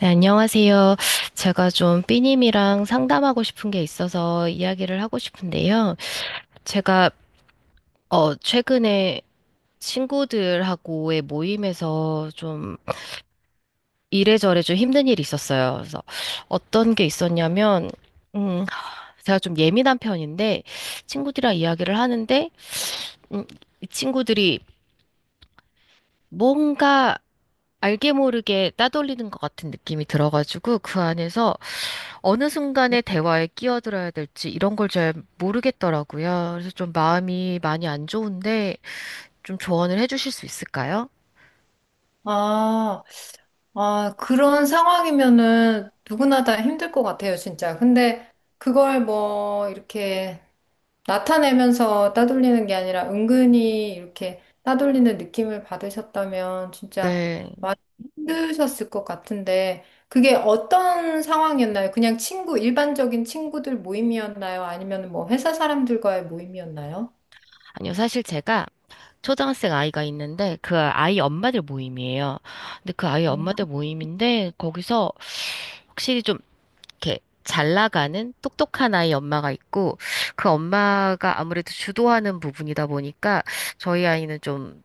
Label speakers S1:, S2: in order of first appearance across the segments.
S1: 네, 안녕하세요. 제가 좀 삐님이랑 상담하고 싶은 게 있어서 이야기를 하고 싶은데요. 제가, 최근에 친구들하고의 모임에서 좀 이래저래 좀 힘든 일이 있었어요. 그래서 어떤 게 있었냐면, 음, 제가 좀 예민한 편인데, 친구들이랑 이야기를 하는데, 음, 이 친구들이 뭔가 알게 모르게 따돌리는 것 같은 느낌이 들어가지고, 그 안에서 어느 순간에 대화에 끼어들어야 될지 이런 걸 잘 모르겠더라고요. 그래서 좀 마음이 많이 안 좋은데 좀 조언을 해주실 수 있을까요?
S2: 아, 아, 그런 상황이면은 누구나 다 힘들 것 같아요, 진짜. 근데 그걸 뭐 이렇게 나타내면서 따돌리는 게 아니라 은근히 이렇게 따돌리는 느낌을 받으셨다면 진짜
S1: 네.
S2: 많이 힘드셨을 것 같은데 그게 어떤 상황이었나요? 그냥 친구, 일반적인 친구들 모임이었나요? 아니면 뭐 회사 사람들과의 모임이었나요?
S1: 아니요, 사실 제가 초등학생 아이가 있는데 그 아이 엄마들 모임이에요. 근데 그 아이
S2: 음.
S1: 엄마들 모임인데 거기서 확실히 좀 이렇게 잘 나가는 똑똑한 아이 엄마가 있고 그 엄마가 아무래도 주도하는 부분이다 보니까 저희 아이는 좀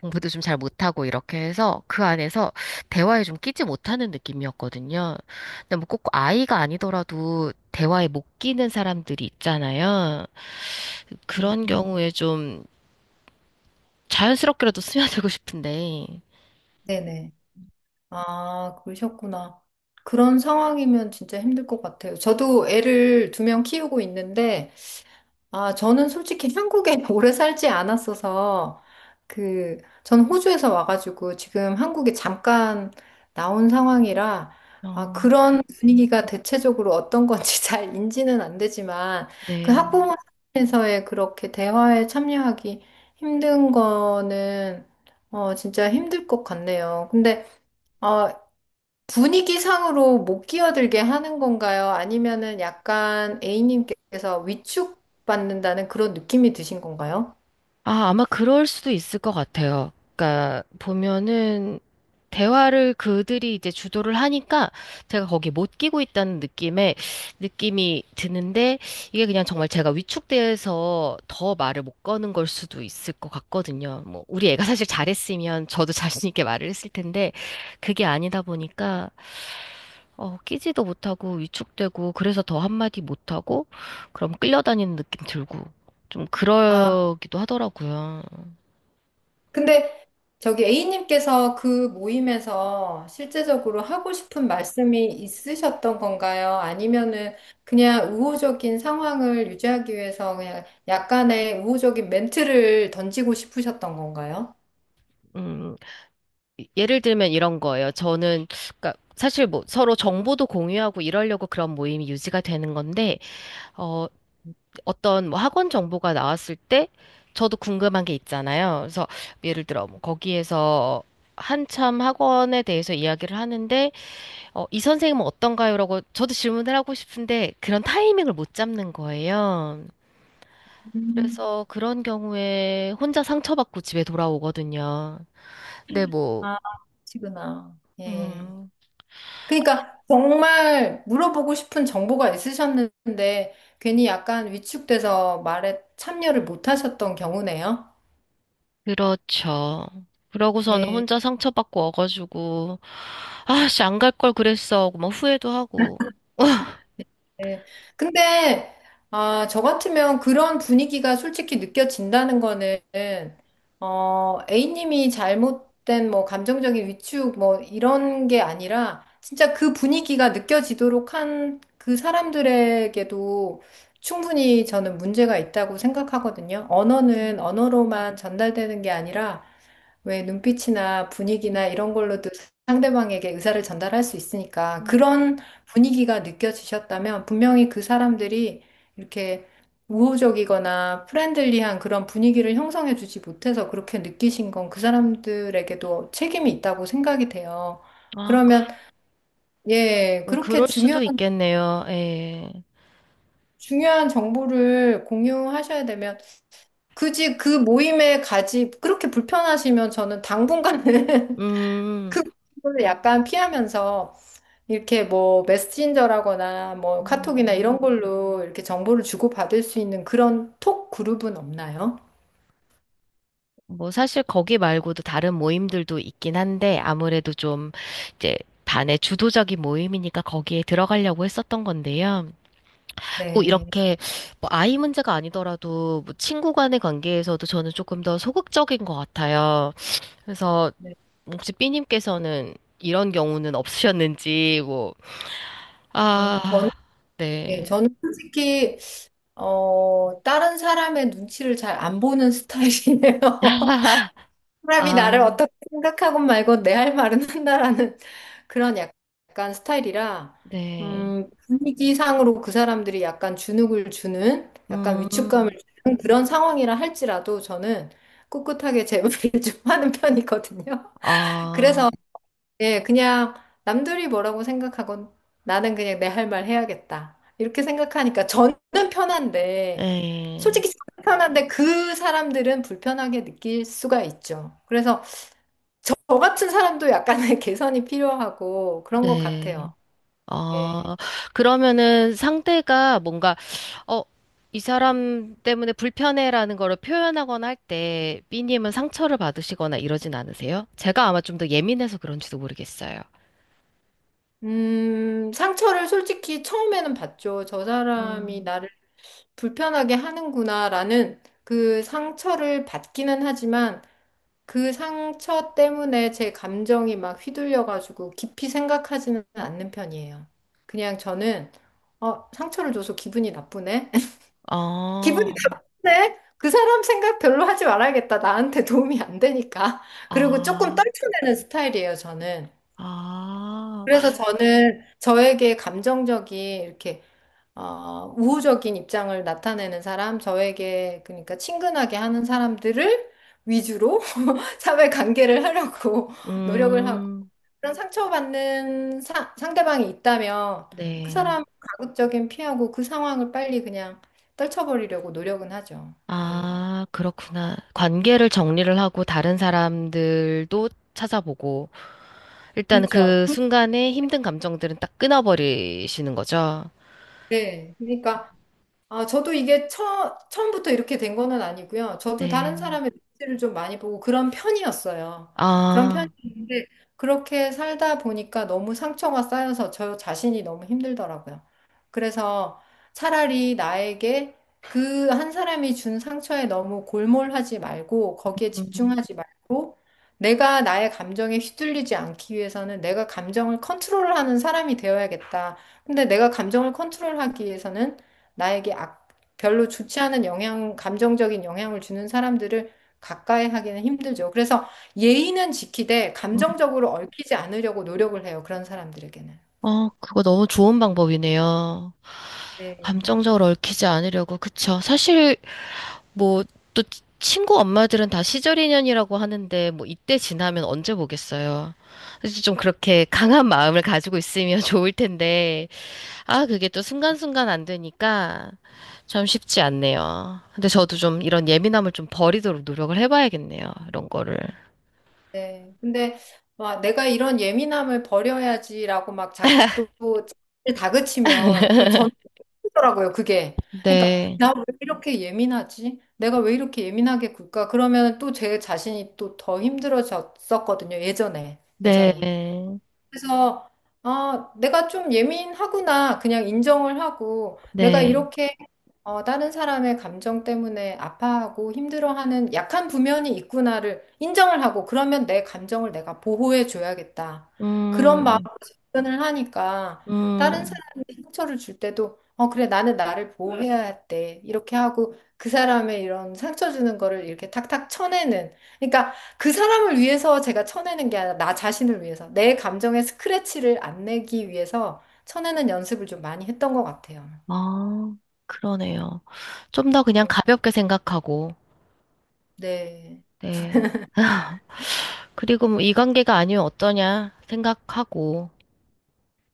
S1: 공부도 좀 잘 못하고 이렇게 해서 그 안에서 대화에 좀 끼지 못하는 느낌이었거든요. 근데 뭐 꼭 아이가 아니더라도 대화에 못 끼는 사람들이 있잖아요. 그런 경우에 좀 자연스럽게라도 스며들고 싶은데,
S2: 네네. 아, 그러셨구나. 그런 상황이면 진짜 힘들 것 같아요. 저도 애를 두 명 키우고 있는데, 아, 저는 솔직히 한국에 오래 살지 않았어서, 그, 전 호주에서 와가지고 지금 한국에 잠깐 나온 상황이라, 아,
S1: 어,
S2: 그런 분위기가 대체적으로 어떤 건지 잘 인지는 안 되지만, 그
S1: 네.
S2: 학부모에서의 그렇게 대화에 참여하기 힘든 거는, 진짜 힘들 것 같네요. 근데, 어, 분위기상으로 못 끼어들게 하는 건가요? 아니면은 약간 A님께서 위축받는다는 그런 느낌이 드신 건가요?
S1: 아, 아마 그럴 수도 있을 것 같아요. 그러니까 보면은 대화를 그들이 이제 주도를 하니까 제가 거기 못 끼고 있다는 느낌에 느낌이 드는데 이게 그냥 정말 제가 위축돼서 더 말을 못 거는 걸 수도 있을 것 같거든요. 뭐 우리 애가 사실 잘했으면 저도 자신 있게 말을 했을 텐데 그게 아니다 보니까 끼지도 못하고 위축되고 그래서 더 한마디 못하고 그럼 끌려다니는 느낌 들고 좀
S2: 아,
S1: 그러기도 하더라고요.
S2: 근데 저기 A님께서 그 모임에서 실제적으로 하고 싶은 말씀이 있으셨던 건가요? 아니면은 그냥 우호적인 상황을 유지하기 위해서 그냥 약간의 우호적인 멘트를 던지고 싶으셨던 건가요?
S1: 음, 예를 들면 이런 거예요. 저는, 그러니까 사실 뭐 서로 정보도 공유하고 이러려고 그런 모임이 유지가 되는 건데, 어, 어떤 뭐 학원 정보가 나왔을 때 저도 궁금한 게 있잖아요. 그래서 예를 들어 뭐 거기에서 한참 학원에 대해서 이야기를 하는데, 이 선생님은 어떤가요? 라고 저도 질문을 하고 싶은데 그런 타이밍을 못 잡는 거예요.
S2: 음,
S1: 그래서 그런 경우에 혼자 상처받고 집에 돌아오거든요. 근데 뭐,
S2: 아, 그러시구나. 예.
S1: 음,
S2: 그러니까 정말 물어보고 싶은 정보가 있으셨는데 괜히 약간 위축돼서 말에 참여를 못 하셨던 경우네요.
S1: 그렇죠. 그러고서는
S2: 예.
S1: 혼자 상처받고 어가지고, 아, 씨, 안 갈 걸 그랬어. 하고 막 후회도 하고.
S2: 네. 근데, 아, 저 같으면 그런 분위기가 솔직히 느껴진다는 거는, A님이 잘못된 뭐 감정적인 위축 뭐 이런 게 아니라, 진짜 그 분위기가 느껴지도록 한 그 사람들에게도 충분히 저는 문제가 있다고 생각하거든요. 언어는 언어로만 전달되는 게 아니라, 왜 눈빛이나 분위기나 이런 걸로도 상대방에게 의사를 전달할 수 있으니까 그런 분위기가 느껴지셨다면 분명히 그 사람들이 이렇게 우호적이거나 프렌들리한 그런 분위기를 형성해 주지 못해서 그렇게 느끼신 건 그 사람들에게도 책임이 있다고 생각이 돼요.
S1: 아, 그,
S2: 그러면 예, 그렇게
S1: 그럴
S2: 중요한
S1: 수도 있겠네요. 예.
S2: 중요한 정보를 공유하셔야 되면 굳이 그 모임에 가지 그렇게 불편하시면 저는 당분간은
S1: 음,
S2: 그걸 약간 피하면서 이렇게 뭐 메신저라거나 뭐 카톡이나 이런
S1: 음,
S2: 걸로 이렇게 정보를 주고받을 수 있는 그런 톡 그룹은 없나요?
S1: 뭐, 사실 거기 말고도 다른 모임들도 있긴 한데, 아무래도 좀, 이제, 반의 주도적인 모임이니까 거기에 들어가려고 했었던 건데요. 꼭
S2: 네.
S1: 이렇게, 뭐 아이 문제가 아니더라도, 뭐 친구 간의 관계에서도 저는 조금 더 소극적인 것 같아요. 그래서,
S2: 네.
S1: 혹시 삐님께서는 이런 경우는 없으셨는지, 뭐,
S2: 아, 저는,
S1: 아,
S2: 네,
S1: 네.
S2: 저는 솔직히, 다른 사람의 눈치를 잘 안 보는 스타일이네요. 사람이
S1: 아,
S2: 나를 어떻게 생각하건 말건 내 할 말은 한다라는 그런 약간 스타일이라
S1: 네.
S2: 분위기상으로 그 사람들이 약간 주눅을 주는 약간 위축감을
S1: 음,
S2: 주는 그런 상황이라 할지라도 저는 꿋꿋하게 제 말을 좀 하는 편이거든요.
S1: 아,
S2: 그래서 예, 그냥 남들이 뭐라고 생각하건 나는 그냥 내 할 말 해야겠다. 이렇게 생각하니까 저는 편한데
S1: 네.
S2: 솔직히 저는 편한데 그 사람들은 불편하게 느낄 수가 있죠. 그래서 저 같은 사람도 약간의 개선이 필요하고 그런 것 같아요.
S1: 네.
S2: 예.
S1: 아, 그러면은 상대가 뭔가, 어, 이 사람 때문에 불편해라는 거를 표현하거나 할 때, 삐님은 상처를 받으시거나 이러진 않으세요? 제가 아마 좀 더 예민해서 그런지도 모르겠어요.
S2: 상처를 솔직히 처음에는 받죠. 저 사람이
S1: 음.
S2: 나를 불편하게 하는구나라는 그 상처를 받기는 하지만 그 상처 때문에 제 감정이 막 휘둘려가지고 깊이 생각하지는 않는 편이에요. 그냥 저는 상처를 줘서 기분이 나쁘네. 기분이
S1: 아,
S2: 나쁜데 그 사람 생각 별로 하지 말아야겠다. 나한테 도움이 안 되니까. 그리고 조금
S1: 아,
S2: 떨쳐내는 스타일이에요, 저는.
S1: 아.
S2: 그래서 저는 저에게 감정적인 이렇게 우호적인 입장을 나타내는 사람, 저에게 그러니까 친근하게 하는 사람들을 위주로 사회 관계를 하려고 노력을 하고
S1: 음,
S2: 그런 상처받는 사, 상대방이 있다면 그
S1: 네.
S2: 사람 가급적인 피하고 그 상황을 빨리 그냥 떨쳐버리려고 노력은 하죠. 예.
S1: 아, 그렇구나. 관계를 정리를 하고 다른 사람들도 찾아보고, 일단
S2: 그렇죠.
S1: 그
S2: 그,
S1: 순간에 힘든 감정들은 딱 끊어버리시는 거죠.
S2: 네. 그러니까 아, 저도 이게 처, 처음부터 이렇게 된 거는 아니고요. 저도 다른
S1: 네.
S2: 사람의 눈치를 좀 많이 보고 그런 편이었어요. 그런
S1: 아,
S2: 편이었는데 그렇게 살다 보니까 너무 상처가 쌓여서 저 자신이 너무 힘들더라고요. 그래서 차라리 나에게 그 한 사람이 준 상처에 너무 골몰하지 말고 거기에
S1: 음,
S2: 집중하지 말고 내가 나의 감정에 휘둘리지 않기 위해서는 내가 감정을 컨트롤하는 사람이 되어야겠다. 근데 내가 감정을 컨트롤하기 위해서는 나에게 악, 별로 좋지 않은 영향, 감정적인 영향을 주는 사람들을 가까이 하기는 힘들죠. 그래서 예의는 지키되
S1: 음.
S2: 감정적으로 얽히지 않으려고 노력을 해요. 그런 사람들에게는.
S1: 어, 그거 너무 좋은 방법이네요.
S2: 네.
S1: 감정적으로 얽히지 않으려고, 그쵸. 사실 뭐, 또 친구 엄마들은 다 시절 인연이라고 하는데, 뭐, 이때 지나면 언제 보겠어요. 그래서 좀 그렇게 강한 마음을 가지고 있으면 좋을 텐데, 아, 그게 또 순간순간 안 되니까 참 쉽지 않네요. 근데 저도 좀 이런 예민함을 좀 버리도록 노력을 해봐야겠네요. 이런 거를.
S2: 네. 근데 막 내가 이런 예민함을 버려야지라고 막 자꾸 또 자기를 다그치면 또 저는 힘들더라고요. 그게. 그러니까
S1: 네,
S2: 나 왜 이렇게 예민하지? 내가 왜 이렇게 예민하게 굴까? 그러면 또 제 자신이 또 더 힘들어졌었거든요. 예전에. 예전에.
S1: 네,
S2: 그래서 아, 내가 좀 예민하구나 그냥 인정을 하고 내가
S1: 네.
S2: 이렇게 다른 사람의 감정 때문에 아파하고 힘들어하는 약한 부면이 있구나를 인정을 하고 그러면 내 감정을 내가 보호해 줘야겠다. 그런
S1: 음,
S2: 마음으로 접근을 하니까 다른
S1: 음,
S2: 사람이 상처를 줄 때도 어, 그래 나는 나를 보호해야 돼. 이렇게 하고 그 사람의 이런 상처 주는 거를 이렇게 탁탁 쳐내는 그러니까 그 사람을 위해서 제가 쳐내는 게 아니라 나 자신을 위해서 내 감정에 스크래치를 안 내기 위해서 쳐내는 연습을 좀 많이 했던 것 같아요.
S1: 아, 그러네요. 좀 더 그냥 가볍게 생각하고,
S2: 네,
S1: 네. 그리고 뭐 이 관계가 아니면 어떠냐 생각하고,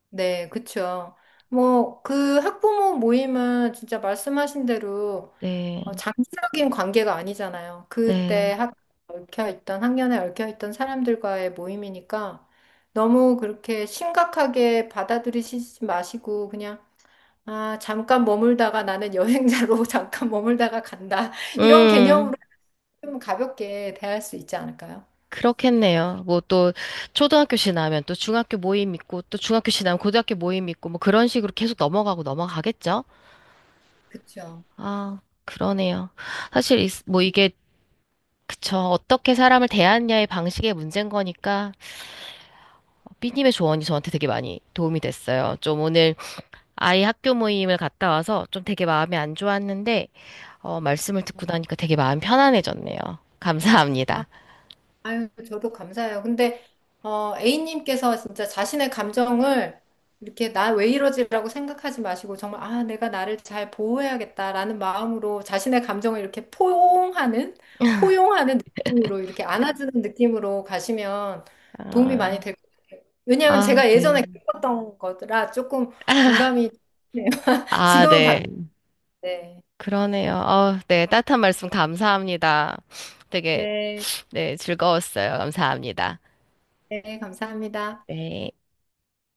S2: 네, 그쵸. 뭐, 그 학부모 모임은 진짜 말씀하신 대로
S1: 네,
S2: 장기적인 관계가 아니잖아요. 그때
S1: 네.
S2: 학, 얽혀있던, 학년에 얽혀있던 사람들과의 모임이니까 너무 그렇게 심각하게 받아들이시지 마시고 그냥 아, 잠깐 머물다가 나는 여행자로 잠깐 머물다가 간다. 이런
S1: 음,
S2: 개념으로 좀 가볍게 대할 수 있지 않을까요?
S1: 그렇겠네요. 뭐 또 초등학교씩 나면 또 중학교 모임 있고, 또 중학교씩 나면 고등학교 모임 있고, 뭐 그런 식으로 계속 넘어가고 넘어가겠죠?
S2: 그쵸.
S1: 아, 그러네요. 사실 이- 뭐 이게, 그쵸. 어떻게 사람을 대하느냐의 방식의 문제인 거니까, 삐님의 조언이 저한테 되게 많이 도움이 됐어요. 좀 오늘 아이 학교 모임을 갔다 와서 좀 되게 마음이 안 좋았는데, 말씀을 듣고 나니까 되게 마음 편안해졌네요.
S2: 아,
S1: 감사합니다.
S2: 아유, 저도 감사해요. 근데, A님께서 진짜 자신의 감정을 이렇게 나 왜 이러지라고 생각하지 마시고, 정말, 아, 내가 나를 잘 보호해야겠다라는 마음으로 자신의 감정을 이렇게 포용하는, 포용하는 느낌으로, 이렇게 안아주는 느낌으로 가시면 도움이 많이
S1: 아,
S2: 될 것 같아요. 왜냐하면
S1: 아,
S2: 제가
S1: 네.
S2: 예전에 겪었던 거라 조금 공감이, 되네요.
S1: 아,
S2: 지금은
S1: 네.
S2: 바뀌었네.
S1: 그러네요. 어, 네. 따뜻한 말씀 감사합니다. 되게,
S2: 네,
S1: 네, 즐거웠어요. 감사합니다.
S2: 네, 감사합니다.
S1: 네.